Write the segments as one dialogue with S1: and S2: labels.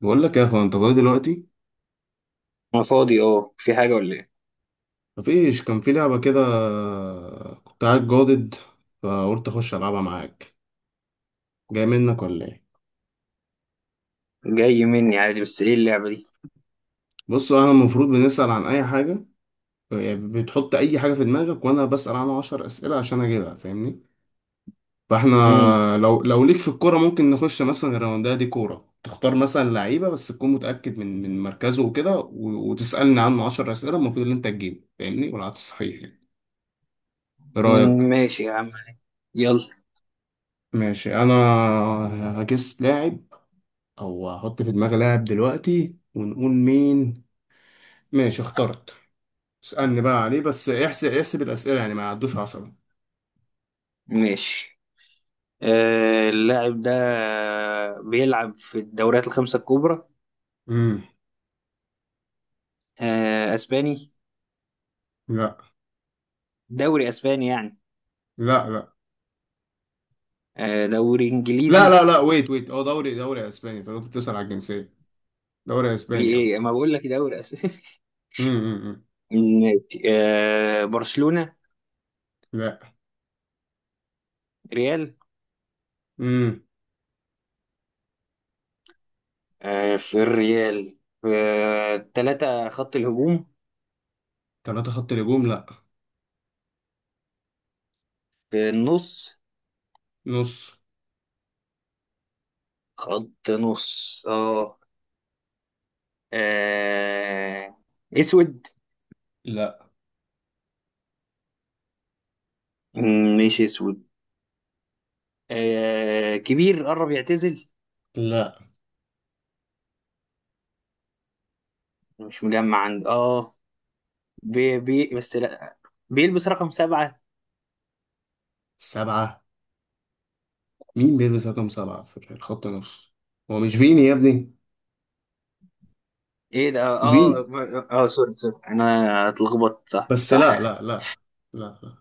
S1: بقول لك يا اخوان، انت فاضي دلوقتي؟
S2: انا فاضي، اه، في حاجة ولا ايه؟
S1: مفيش، كان في لعبه كده، كنت قاعد جادد، فقلت اخش العبها معاك. جاي منك ولا ايه؟
S2: جاي مني عادي، بس ايه اللعبة دي؟
S1: بص، انا المفروض بنسال عن اي حاجه، يعني بتحط اي حاجه في دماغك وانا بسال عنها 10 اسئله عشان اجيبها، فاهمني؟ فاحنا
S2: مم.
S1: لو ليك في الكوره، ممكن نخش مثلا الراونديه، دي كوره تختار مثلا لعيبه بس تكون متاكد من مركزه وكده وتسالني عنه 10 اسئله المفروض ان انت تجيبه، فاهمني؟ والعكس صحيح يعني. ايه رايك؟
S2: ماشي يا عم. يلا.
S1: ماشي انا، هجس لاعب او هحط في دماغي لاعب دلوقتي ونقول مين. ماشي اخترت، اسألني بقى عليه، بس احسب احسب الأسئلة يعني ما يعدوش عشرة.
S2: ماشي. اللاعب ده بيلعب في الدوريات الخمسة الكبرى.
S1: امم.
S2: آه، اسباني.
S1: لا.
S2: دوري اسباني يعني.
S1: لا لا.
S2: دوري
S1: لا
S2: انجليزي.
S1: لا لا، ويت ويت، هو دوري دوري اسباني، فانت كنت بتسأل على الجنسية. دوري
S2: في
S1: اسباني اهو.
S2: ايه، ما بقول لك دوري اسباني؟
S1: امم، أمم، أمم.
S2: ماشي. برشلونة.
S1: لا.
S2: ريال.
S1: امم.
S2: في الريال في ثلاثة خط الهجوم.
S1: ثلاثة خط هجوم؟ لا،
S2: في النص.
S1: نص.
S2: خط نص، اه. آه... اسود.
S1: لا
S2: ماشي اسود. كبير، قرب يعتزل.
S1: لا.
S2: مش مجمع عند. بس لا. بيلبس رقم 7.
S1: سبعة؟ مين بيلبس رقم سبعة في الخط نص؟ هو مش فيني يا ابني؟
S2: ايه ده، اه اه.
S1: فيني؟
S2: آه، آه، سوري سوري، انا اتلخبطت، صح
S1: بس لا
S2: صح.
S1: لا لا. لا لا.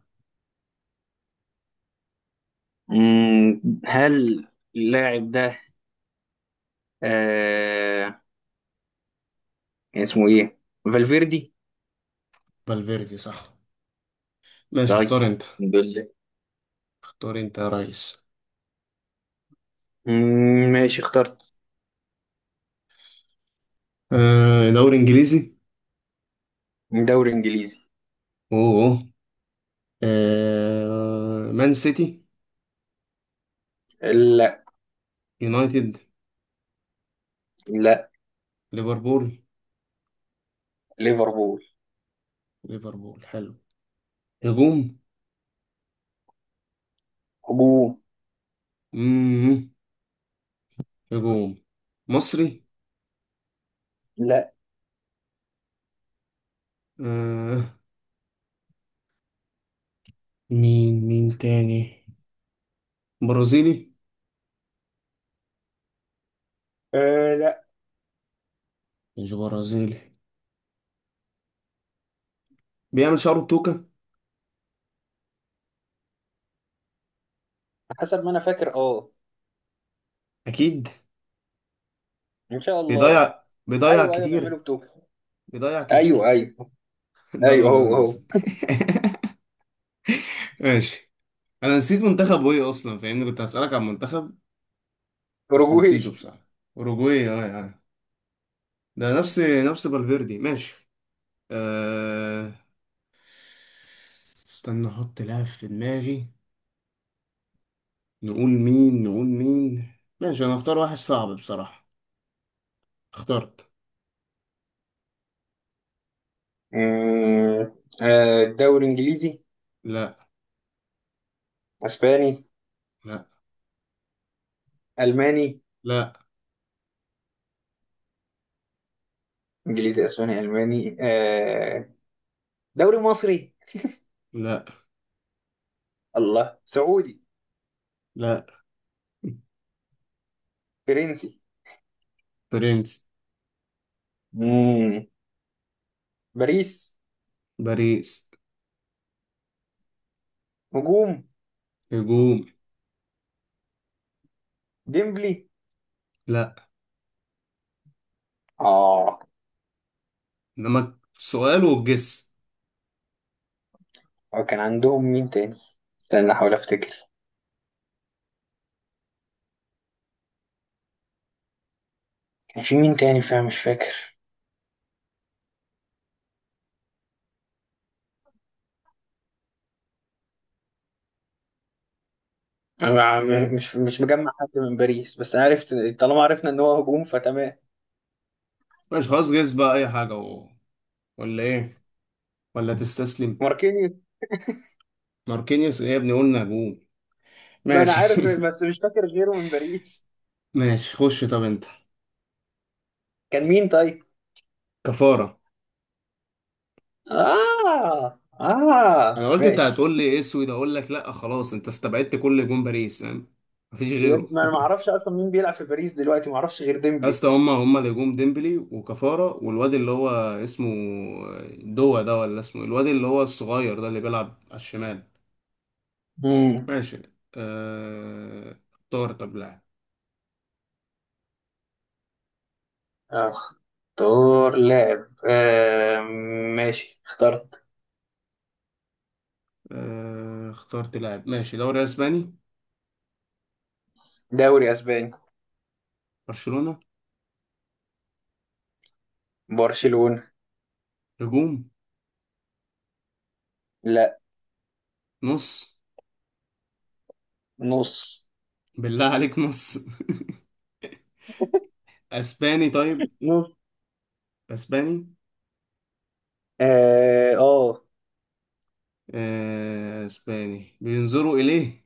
S2: هل اللاعب ده آه... كان اسمه ايه؟ فالفيردي.
S1: فالفيردي، صح. ماشي،
S2: طيب.
S1: اختار انت.
S2: الحمد لله.
S1: اختار انت يا ريس.
S2: ماشي اخترت.
S1: آه دوري انجليزي.
S2: دوري انجليزي.
S1: اوه. آه مان سيتي.
S2: لا.
S1: يونايتد.
S2: لا.
S1: ليفربول.
S2: ليفربول.
S1: ليفربول، حلو. هجوم.
S2: هجوم.
S1: مم. هجوم. مصري.
S2: لا.
S1: آه. مين مين تاني. برازيلي.
S2: لا.
S1: مش برازيلي، بيعمل شعره بتوكة.
S2: حسب ما انا فاكر، اه.
S1: اكيد.
S2: ان شاء الله.
S1: بيضيع بيضيع
S2: ايوه ايوه،
S1: كتير.
S2: بيعملوا بتوكيو.
S1: بيضيع
S2: ايوه
S1: كتير.
S2: ايوه. ايوه،
S1: داروين
S2: هو هو.
S1: نونيز. ماشي. انا نسيت منتخب ايه اصلا، فاهمني، كنت هسألك عن منتخب، بس
S2: اوروجواي.
S1: نسيته بصراحة. أوروجواي، اه اه. ده نفس نفس فالفيردي، ماشي. أه... استنى أحط لاعب في دماغي، نقول مين نقول مين. ماشي، أنا أختار واحد صعب بصراحة. اخترت.
S2: أمم، آه، دوري انجليزي.
S1: لا.
S2: اسباني.
S1: لا.
S2: الماني.
S1: لا.
S2: انجليزي اسباني الماني. دوري مصري.
S1: لا.
S2: الله، سعودي.
S1: لا.
S2: فرنسي.
S1: برنس.
S2: أمم، باريس.
S1: باريس.
S2: هجوم.
S1: هجوم.
S2: ديمبلي.
S1: لا.
S2: اه
S1: إنما سؤال والجس.
S2: هو كان عندهم مين تاني؟ استنى احاول افتكر. كان في مين تاني، فاهم؟ مش فاكر. أنا م-
S1: إيه.
S2: مش مش مجمع حد من باريس، بس عرفت. طالما عرفنا ان هو هجوم فتمام.
S1: ماشي خلاص، جس بقى أي حاجة ولا إيه؟ ولا تستسلم؟
S2: ماركينيوس.
S1: ماركينيوس؟ إيه يا ابني، قلنا هجوم.
S2: ما انا
S1: ماشي.
S2: عارف بس مش فاكر غيره من باريس.
S1: ماشي، خش طب أنت.
S2: كان مين طيب؟
S1: كفارة.
S2: اه اه،
S1: انا قلت انت
S2: ماشي.
S1: هتقول لي اسود، اقول لك لا، خلاص انت استبعدت كل هجوم باريس، فاهم؟ مفيش
S2: بجد،
S1: غيره.
S2: ما انا ما اعرفش اصلا مين بيلعب في باريس دلوقتي، ما اعرفش غير
S1: يا
S2: ديمبلي.
S1: اسطى، هما هما اللي هجوم: ديمبلي وكفارة والواد اللي هو اسمه دوا ده، ولا اسمه إيه؟ الواد اللي هو الصغير ده اللي بيلعب على الشمال.
S2: امم.
S1: ماشي. اختار طب لاعب.
S2: اختار لاعب، آه. ماشي اخترت.
S1: اخترت لاعب. ماشي، دوري اسباني.
S2: دوري اسباني.
S1: برشلونة.
S2: برشلونة.
S1: هجوم.
S2: لا.
S1: نص.
S2: نص.
S1: بالله عليك، نص؟ اسباني؟ طيب.
S2: نص،
S1: اسباني.
S2: اه. آه
S1: اسباني بينظروا اليه؟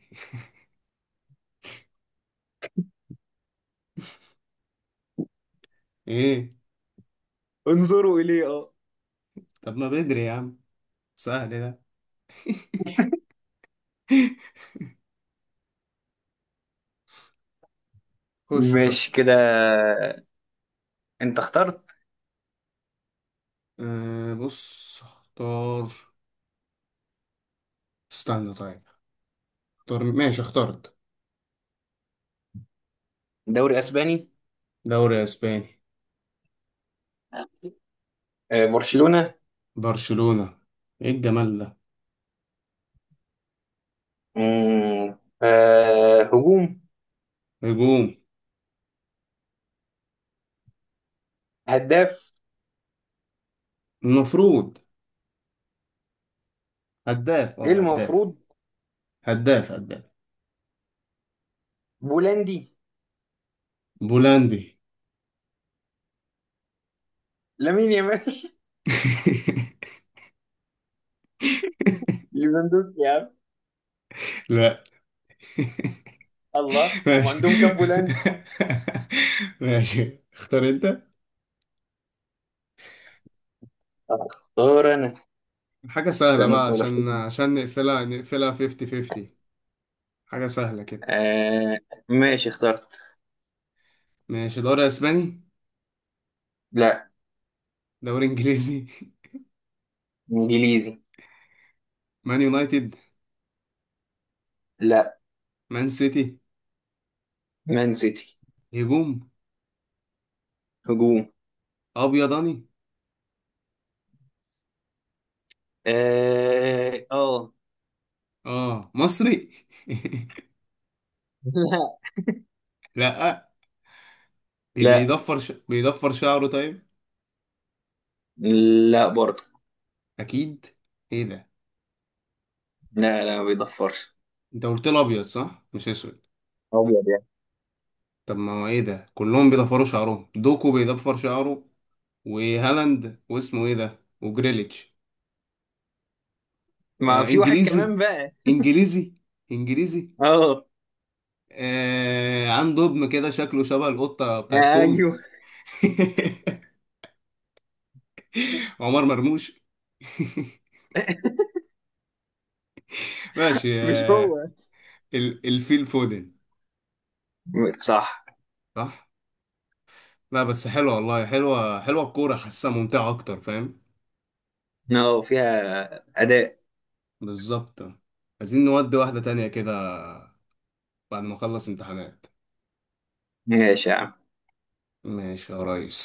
S1: ايه؟
S2: انظروا اليه، اه.
S1: طب ما بدري يا عم، سهل ده. خش خش.
S2: ماشي كده. انت اخترت.
S1: أه بص، اختار. استنى طيب. اختار. ماشي اخترت.
S2: دوري اسباني.
S1: دوري اسباني.
S2: برشلونة.
S1: برشلونة. ايه الجمال ده.
S2: هجوم.
S1: هجوم.
S2: هداف.
S1: المفروض هداف.
S2: ايه
S1: اه هداف.
S2: المفروض؟
S1: هداف هداف.
S2: بولندي.
S1: بولندي.
S2: لامين يامال ليفاندوفسكي يا عم.
S1: لا.
S2: الله، هم
S1: ماشي.
S2: عندهم كام بولندي؟
S1: ماشي، اختار انت.
S2: اختار انا.
S1: حاجة سهلة
S2: استنى
S1: بقى
S2: احاول افتكر
S1: عشان نقفلها نقفلها 50 50. حاجة سهلة كده.
S2: آه ماشي اخترت.
S1: ماشي، دوري اسباني.
S2: لا.
S1: دوري انجليزي.
S2: انجليزي.
S1: مان يونايتد.
S2: لا.
S1: مان سيتي.
S2: مان سيتي.
S1: هجوم.
S2: هجوم.
S1: ابيضاني.
S2: اه اه.
S1: اه مصري. لا.
S2: لا.
S1: بيضفر شعره طيب.
S2: لا. لا برضه.
S1: اكيد. ايه ده.
S2: لا لا، ما بيضفرش.
S1: انت قلت له ابيض، صح؟ مش اسود.
S2: ابيض يعني.
S1: طب ما هو ايه ده، كلهم بيضفروا شعرهم: دوكو بيضفر شعره، وهالاند، واسمه ايه ده، وجريليتش.
S2: ما
S1: آه
S2: في واحد
S1: انجليزي.
S2: كمان بقى.
S1: انجليزي. انجليزي.
S2: اه.
S1: آه عنده ابن كده شكله شبه القطة بتاعت توم.
S2: ايوه.
S1: عمر مرموش. ماشي
S2: مش
S1: آه،
S2: هو.
S1: الفيل فودن.
S2: صح.
S1: صح. لا بس حلوة، والله حلوة حلوة الكورة، حاسها ممتعة أكتر، فاهم؟
S2: اه، فيها اداء.
S1: بالظبط. عايزين نودي واحدة تانية كده بعد ما أخلص امتحانات.
S2: ماشي يا عم.
S1: ماشي يا ريس.